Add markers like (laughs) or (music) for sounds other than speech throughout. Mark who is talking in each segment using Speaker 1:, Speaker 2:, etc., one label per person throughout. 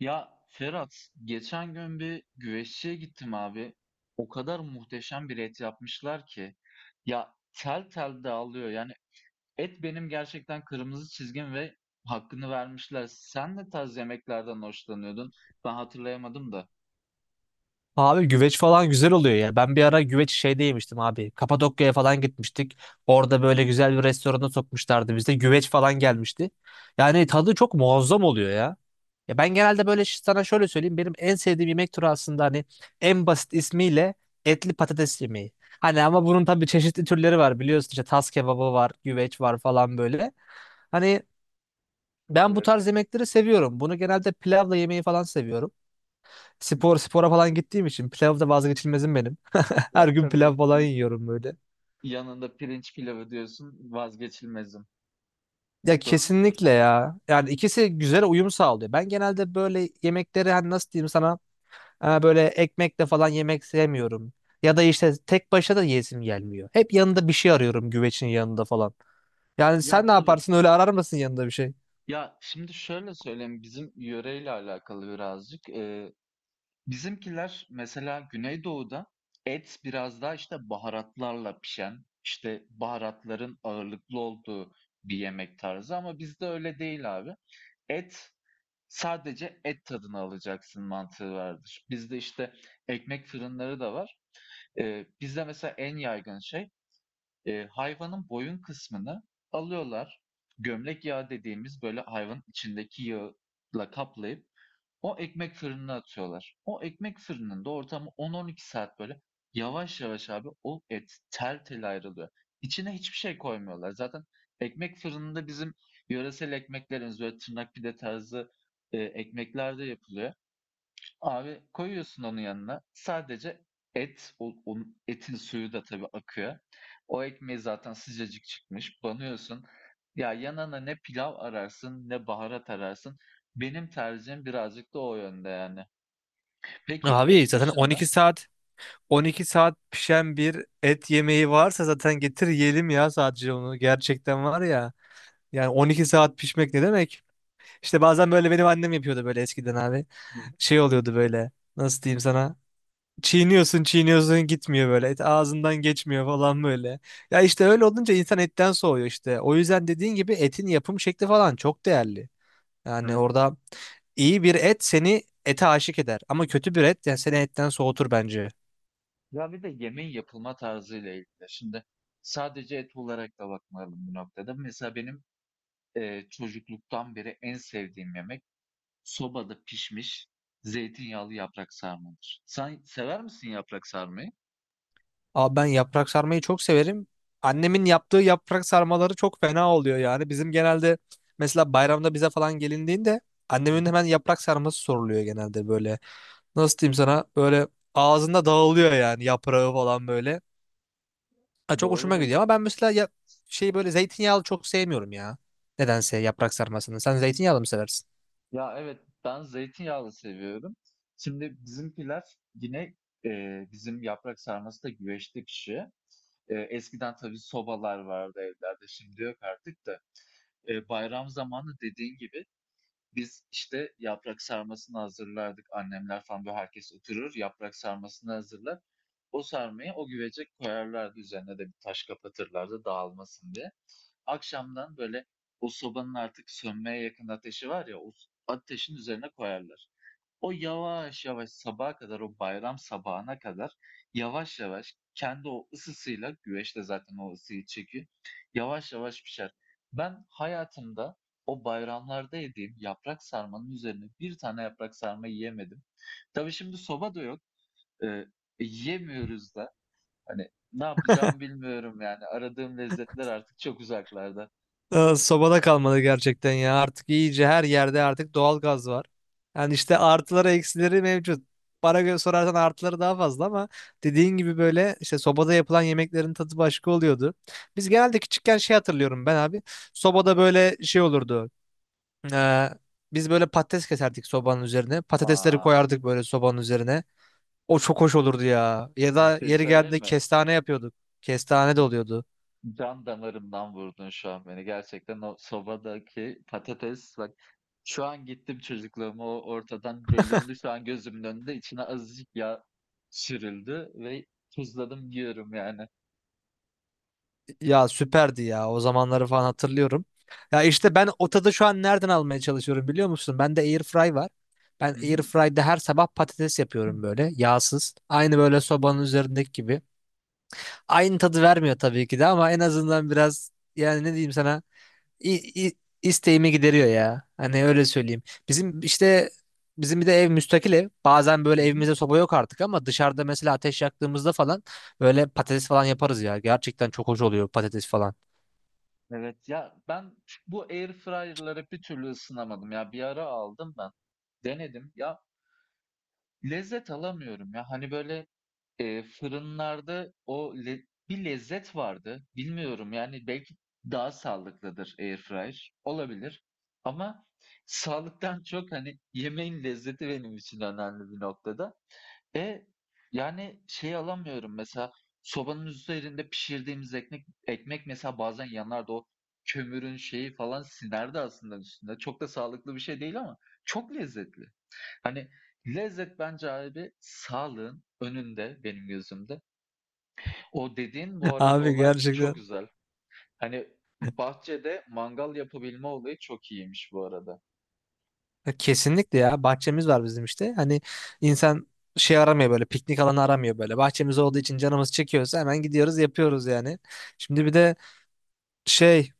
Speaker 1: Ya Ferhat, geçen gün bir güveççiye gittim abi. O kadar muhteşem bir et yapmışlar ki. Ya tel tel dağılıyor. Yani et benim gerçekten kırmızı çizgim ve hakkını vermişler. Sen ne tarz yemeklerden hoşlanıyordun? Ben hatırlayamadım da.
Speaker 2: Abi güveç falan güzel oluyor ya. Ben bir ara güveç şeyde yemiştim abi. Kapadokya'ya falan gitmiştik. Orada böyle güzel bir restorana sokmuşlardı bizde. Güveç falan gelmişti. Yani tadı çok muazzam oluyor ya. Ya ben genelde böyle sana şöyle söyleyeyim. Benim en sevdiğim yemek türü aslında hani en basit ismiyle etli patates yemeği. Hani ama bunun tabii çeşitli türleri var biliyorsun işte tas kebabı var, güveç var falan böyle. Hani ben bu
Speaker 1: Evet.
Speaker 2: tarz yemekleri seviyorum. Bunu genelde pilavla yemeyi falan seviyorum.
Speaker 1: Hı
Speaker 2: Spor
Speaker 1: hı.
Speaker 2: spora falan gittiğim için pilav da vazgeçilmezim benim. (laughs)
Speaker 1: Ya
Speaker 2: Her gün pilav
Speaker 1: tabii
Speaker 2: falan yiyorum böyle.
Speaker 1: yanında pirinç pilavı diyorsun vazgeçilmezim.
Speaker 2: Ya
Speaker 1: Doğru mudur?
Speaker 2: kesinlikle ya. Yani ikisi güzel uyum sağlıyor. Ben genelde böyle yemekleri hani nasıl diyeyim sana böyle ekmekle falan yemek sevmiyorum. Ya da işte tek başına da yesim gelmiyor. Hep yanında bir şey arıyorum güvecin yanında falan. Yani
Speaker 1: Ya
Speaker 2: sen ne
Speaker 1: tabii.
Speaker 2: yaparsın öyle arar mısın yanında bir şey?
Speaker 1: Ya şimdi şöyle söyleyeyim bizim yöreyle alakalı birazcık. Bizimkiler mesela Güneydoğu'da et biraz daha işte baharatlarla pişen, işte baharatların ağırlıklı olduğu bir yemek tarzı ama bizde öyle değil abi. Et sadece et tadını alacaksın mantığı vardır. Bizde işte ekmek fırınları da var. Bizde mesela en yaygın şey hayvanın boyun kısmını alıyorlar. Gömlek yağı dediğimiz böyle hayvanın içindeki yağla kaplayıp o ekmek fırınına atıyorlar. O ekmek fırınında ortamı 10-12 saat böyle yavaş yavaş abi o et tel tel ayrılıyor. İçine hiçbir şey koymuyorlar. Zaten ekmek fırınında bizim yöresel ekmeklerimiz böyle tırnak pide tarzı ekmekler de yapılıyor. Abi koyuyorsun onun yanına. Sadece et, onun etin suyu da tabii akıyor. O ekmeği zaten sıcacık çıkmış. Banıyorsun. Ya yanına ne pilav ararsın, ne baharat ararsın. Benim tercihim birazcık da o yönde yani. Peki
Speaker 2: Abi
Speaker 1: et
Speaker 2: zaten
Speaker 1: dışında.
Speaker 2: 12 saat pişen bir et yemeği varsa zaten getir yiyelim ya sadece onu. Gerçekten var ya. Yani 12 saat pişmek ne demek? İşte bazen böyle benim annem yapıyordu böyle eskiden abi.
Speaker 1: Hı hı.
Speaker 2: Şey oluyordu böyle. Nasıl diyeyim sana? Çiğniyorsun, çiğniyorsun gitmiyor böyle. Et ağzından geçmiyor falan böyle. Ya işte öyle olunca insan etten soğuyor işte. O yüzden dediğin gibi etin yapım şekli falan çok değerli. Yani
Speaker 1: Evet,
Speaker 2: orada iyi bir et seni ete aşık eder. Ama kötü bir et yani seni etten soğutur bence.
Speaker 1: ya bir de yemeğin yapılma tarzıyla ilgili. Şimdi sadece et olarak da bakmayalım bu noktada. Mesela benim çocukluktan beri en sevdiğim yemek sobada pişmiş zeytinyağlı yaprak sarmadır. Sen sever misin yaprak sarmayı?
Speaker 2: Abi ben yaprak sarmayı çok severim. Annemin yaptığı yaprak sarmaları çok fena oluyor yani. Bizim genelde mesela bayramda bize falan gelindiğinde
Speaker 1: Hı
Speaker 2: annemin
Speaker 1: hı.
Speaker 2: hemen yaprak sarması soruluyor genelde böyle. Nasıl diyeyim sana böyle ağzında dağılıyor yani yaprağı falan böyle. Ha, çok hoşuma
Speaker 1: Doğrudur.
Speaker 2: gidiyor ama ben mesela ya, şey böyle zeytinyağlı çok sevmiyorum ya. Nedense yaprak sarmasını. Sen zeytinyağlı mı seversin?
Speaker 1: Ya evet ben zeytinyağlı seviyorum. Şimdi bizimkiler yine e, bizim yaprak sarması da güveçte pişiyor. Eskiden tabii sobalar vardı evlerde, şimdi yok artık da. Bayram zamanı dediğin gibi biz, işte, yaprak sarmasını hazırlardık. Annemler falan, böyle, herkes oturur, yaprak sarmasını hazırlar. O sarmayı o güvece koyarlardı. Üzerine de bir taş kapatırlardı dağılmasın diye. Akşamdan, böyle, o sobanın artık sönmeye yakın ateşi var ya, o ateşin üzerine koyarlar. O yavaş yavaş sabaha kadar, o bayram sabahına kadar yavaş yavaş kendi o ısısıyla, güveç de zaten o ısıyı çekiyor, yavaş yavaş pişer. Ben hayatımda o bayramlarda yediğim yaprak sarmanın üzerine bir tane yaprak sarma yiyemedim. Tabii şimdi soba da yok. Eee, yiyemiyoruz da. Hani ne yapacağım bilmiyorum yani. Aradığım lezzetler artık çok uzaklarda.
Speaker 2: Aa, sobada kalmadı gerçekten ya. Artık iyice her yerde artık doğal gaz var. Yani işte artıları eksileri mevcut. Para göre sorarsan artıları daha fazla ama dediğin gibi böyle işte sobada yapılan yemeklerin tadı başka oluyordu. Biz genelde küçükken şey hatırlıyorum ben abi. Sobada böyle şey olurdu. Ee, biz böyle patates keserdik sobanın üzerine. Patatesleri
Speaker 1: Aa,
Speaker 2: koyardık böyle sobanın üzerine. O çok hoş olurdu ya. Ya
Speaker 1: bir
Speaker 2: da
Speaker 1: şey
Speaker 2: yeri geldiğinde
Speaker 1: söyleme.
Speaker 2: kestane yapıyorduk. Kestane de oluyordu.
Speaker 1: Can damarımdan vurdun şu an beni. Gerçekten o sobadaki patates bak, şu an gittim çocukluğuma, o ortadan bölündü. Şu an gözümün önünde içine azıcık yağ sürüldü ve tuzladım yiyorum yani.
Speaker 2: Ya süperdi ya. O zamanları falan hatırlıyorum. Ya işte ben o tadı şu an nereden almaya çalışıyorum biliyor musun? Bende airfry var. Ben
Speaker 1: Hı hı.
Speaker 2: airfry'de her sabah patates yapıyorum böyle yağsız. Aynı böyle sobanın üzerindeki gibi. Aynı tadı vermiyor tabii ki de ama en azından biraz yani ne diyeyim sana i- i- isteğimi gideriyor ya. Hani öyle söyleyeyim. Bizim işte bizim bir de ev müstakil ev. Bazen
Speaker 1: Hı
Speaker 2: böyle
Speaker 1: hı.
Speaker 2: evimizde soba yok artık ama dışarıda mesela ateş yaktığımızda falan böyle patates falan yaparız ya. Gerçekten çok hoş oluyor patates falan.
Speaker 1: Evet ya, ben bu air fryer'ları bir türlü ısınamadım ya, bir ara aldım ben, denedim ya, lezzet alamıyorum ya, hani böyle. Fırınlarda o le bir lezzet vardı. Bilmiyorum, yani, belki daha sağlıklıdır airfryer, olabilir ama sağlıktan çok, hani, yemeğin lezzeti benim için önemli bir noktada. E yani şey alamıyorum mesela, sobanın üzerinde pişirdiğimiz ekmek mesela bazen yanardı, o kömürün şeyi falan sinerdi aslında üstünde. Çok da sağlıklı bir şey değil ama çok lezzetli. Hani lezzet bence abi sağlığın önünde benim gözümde. O dediğin bu arada
Speaker 2: Abi
Speaker 1: olay
Speaker 2: gerçekten.
Speaker 1: çok güzel. Hani bahçede mangal yapabilme olayı çok iyiymiş bu arada.
Speaker 2: Ya kesinlikle ya bahçemiz var bizim işte. Hani insan şey aramıyor böyle piknik alanı aramıyor böyle. Bahçemiz olduğu için canımız çekiyorsa hemen gidiyoruz yapıyoruz yani. Şimdi bir de şey,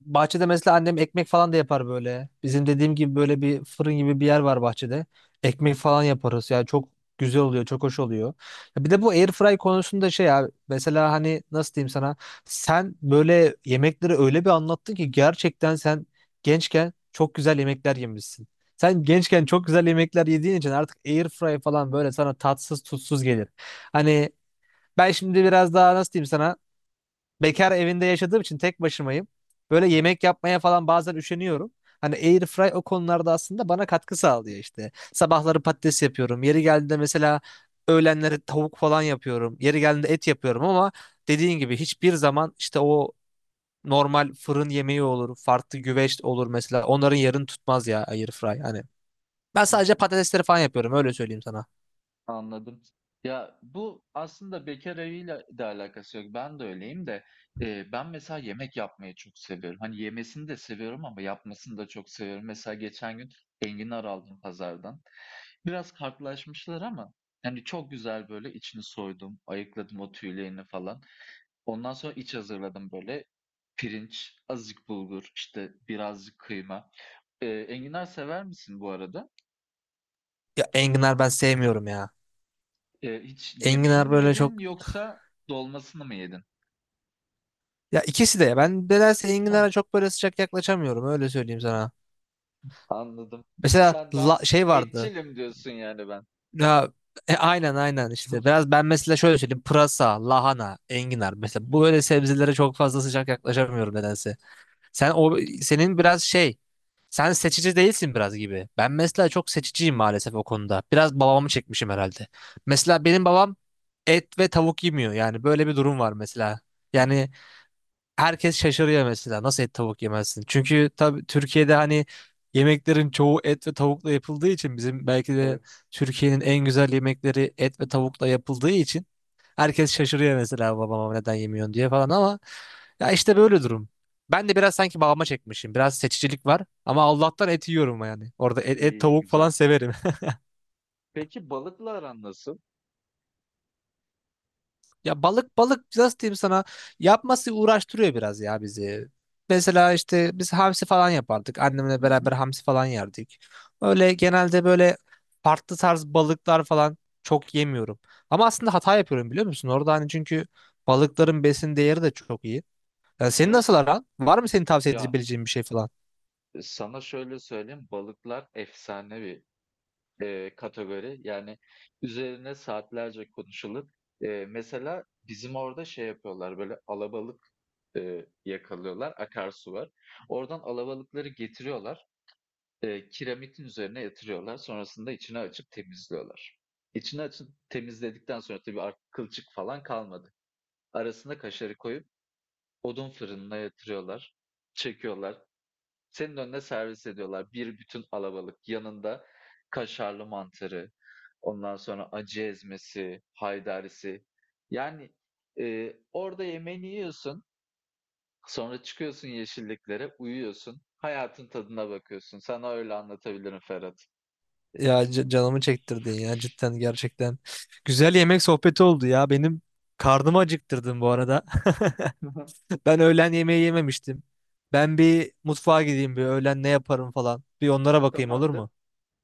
Speaker 2: bahçede mesela annem ekmek falan da yapar böyle. Bizim
Speaker 1: Hı hı.
Speaker 2: dediğim gibi böyle bir fırın gibi bir yer var bahçede. Ekmek falan yaparız. Yani çok güzel oluyor, çok hoş oluyor. Ya bir de bu airfry konusunda şey abi. Mesela hani nasıl diyeyim sana? Sen böyle yemekleri öyle bir anlattın ki gerçekten sen gençken çok güzel yemekler yemişsin. Sen gençken çok güzel yemekler yediğin için artık airfry falan böyle sana tatsız tutsuz gelir. Hani ben şimdi biraz daha nasıl diyeyim sana? Bekar evinde yaşadığım için tek başımayım. Böyle
Speaker 1: Evet.
Speaker 2: yemek yapmaya falan bazen üşeniyorum. Hani airfry o konularda aslında bana katkı sağlıyor işte. Sabahları patates yapıyorum. Yeri geldiğinde mesela öğlenleri tavuk falan yapıyorum. Yeri geldiğinde et yapıyorum ama dediğin gibi hiçbir zaman işte o normal fırın yemeği olur, farklı güveç olur mesela. Onların yerini tutmaz ya airfry hani. Ben sadece patatesleri falan yapıyorum öyle söyleyeyim sana.
Speaker 1: Anladım. Ya, bu aslında bekâr eviyle de alakası yok. Ben de öyleyim de, ben mesela yemek yapmayı çok seviyorum. Hani, yemesini de seviyorum ama yapmasını da çok seviyorum. Mesela geçen gün enginar aldım pazardan. Biraz kartlaşmışlar ama, hani, çok güzel böyle içini soydum, ayıkladım o tüylerini falan. Ondan sonra iç hazırladım böyle. Pirinç, azıcık bulgur, işte, birazcık kıyma. Enginar sever misin bu arada?
Speaker 2: Ya enginar ben sevmiyorum ya.
Speaker 1: Hiç yemeğini
Speaker 2: Enginar
Speaker 1: mi
Speaker 2: böyle çok.
Speaker 1: yedin yoksa dolmasını mı yedin?
Speaker 2: Ya ikisi de. Ben nedense
Speaker 1: Heh,
Speaker 2: enginara çok böyle sıcak yaklaşamıyorum. Öyle söyleyeyim sana.
Speaker 1: anladım.
Speaker 2: Mesela
Speaker 1: Sen daha
Speaker 2: şey vardı.
Speaker 1: etçilim diyorsun yani ben.
Speaker 2: Ya, aynen aynen işte.
Speaker 1: (laughs)
Speaker 2: Biraz ben mesela şöyle söyleyeyim. Pırasa, lahana, enginar. Mesela bu böyle sebzelere çok fazla sıcak yaklaşamıyorum nedense. Sen o senin biraz şey. Sen seçici değilsin biraz gibi. Ben mesela çok seçiciyim maalesef o konuda. Biraz babamı çekmişim herhalde. Mesela benim babam et ve tavuk yemiyor. Yani böyle bir durum var mesela.
Speaker 1: Hımm,
Speaker 2: Yani herkes şaşırıyor mesela nasıl et tavuk yemezsin? Çünkü tabii Türkiye'de hani yemeklerin çoğu et ve tavukla yapıldığı için bizim belki de
Speaker 1: evet.
Speaker 2: Türkiye'nin en güzel yemekleri et ve tavukla yapıldığı için herkes şaşırıyor mesela babama neden yemiyorsun diye falan ama ya işte böyle durum. Ben de biraz sanki babama çekmişim. Biraz seçicilik var ama Allah'tan et yiyorum yani. Orada et
Speaker 1: İyi,
Speaker 2: tavuk
Speaker 1: güzel.
Speaker 2: falan severim.
Speaker 1: Peki balıkla aran nasıl?
Speaker 2: Ya balık balık nasıl diyeyim sana yapması uğraştırıyor biraz ya bizi. Mesela işte biz hamsi falan yapardık. Annemle
Speaker 1: Hı hı.
Speaker 2: beraber hamsi falan yerdik. Öyle genelde böyle farklı tarz balıklar falan çok yemiyorum. Ama aslında hata yapıyorum biliyor musun? Orada hani çünkü balıkların besin değeri de çok iyi. Ya senin nasıl
Speaker 1: Evet.
Speaker 2: aran? Var mı senin tavsiye
Speaker 1: Ya,
Speaker 2: edebileceğin bir şey falan?
Speaker 1: sana şöyle söyleyeyim, balıklar efsanevi, kategori. Yani üzerine saatlerce konuşulur. Mesela bizim orada şey yapıyorlar, böyle alabalık, yakalıyorlar, akarsu var. Oradan alabalıkları getiriyorlar. Kiremitin üzerine yatırıyorlar. Sonrasında içine açıp temizliyorlar. İçine açıp temizledikten sonra tabii artık kılçık falan kalmadı. Arasına kaşarı koyup odun fırınına yatırıyorlar. Çekiyorlar. Senin önüne servis ediyorlar. Bir bütün alabalık. Yanında kaşarlı mantarı. Ondan sonra acı ezmesi, haydarisi. Yani orada yemeğini yiyorsun. Sonra çıkıyorsun yeşilliklere, uyuyorsun. Hayatın tadına bakıyorsun. Sana öyle anlatabilirim Ferhat.
Speaker 2: Ya canımı çektirdin ya cidden gerçekten. Güzel yemek sohbeti oldu ya. Benim karnımı acıktırdın bu arada. (laughs)
Speaker 1: (laughs)
Speaker 2: Ben öğlen yemeği yememiştim. Ben bir mutfağa gideyim bir öğlen ne yaparım falan. Bir onlara bakayım olur
Speaker 1: Tamamdır.
Speaker 2: mu?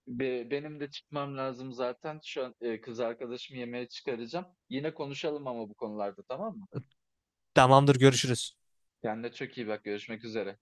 Speaker 1: Benim de çıkmam lazım zaten. Şu an kız arkadaşımı yemeğe çıkaracağım. Yine konuşalım ama bu konularda, tamam mı?
Speaker 2: Tamamdır görüşürüz.
Speaker 1: Kendine çok iyi bak. Görüşmek üzere.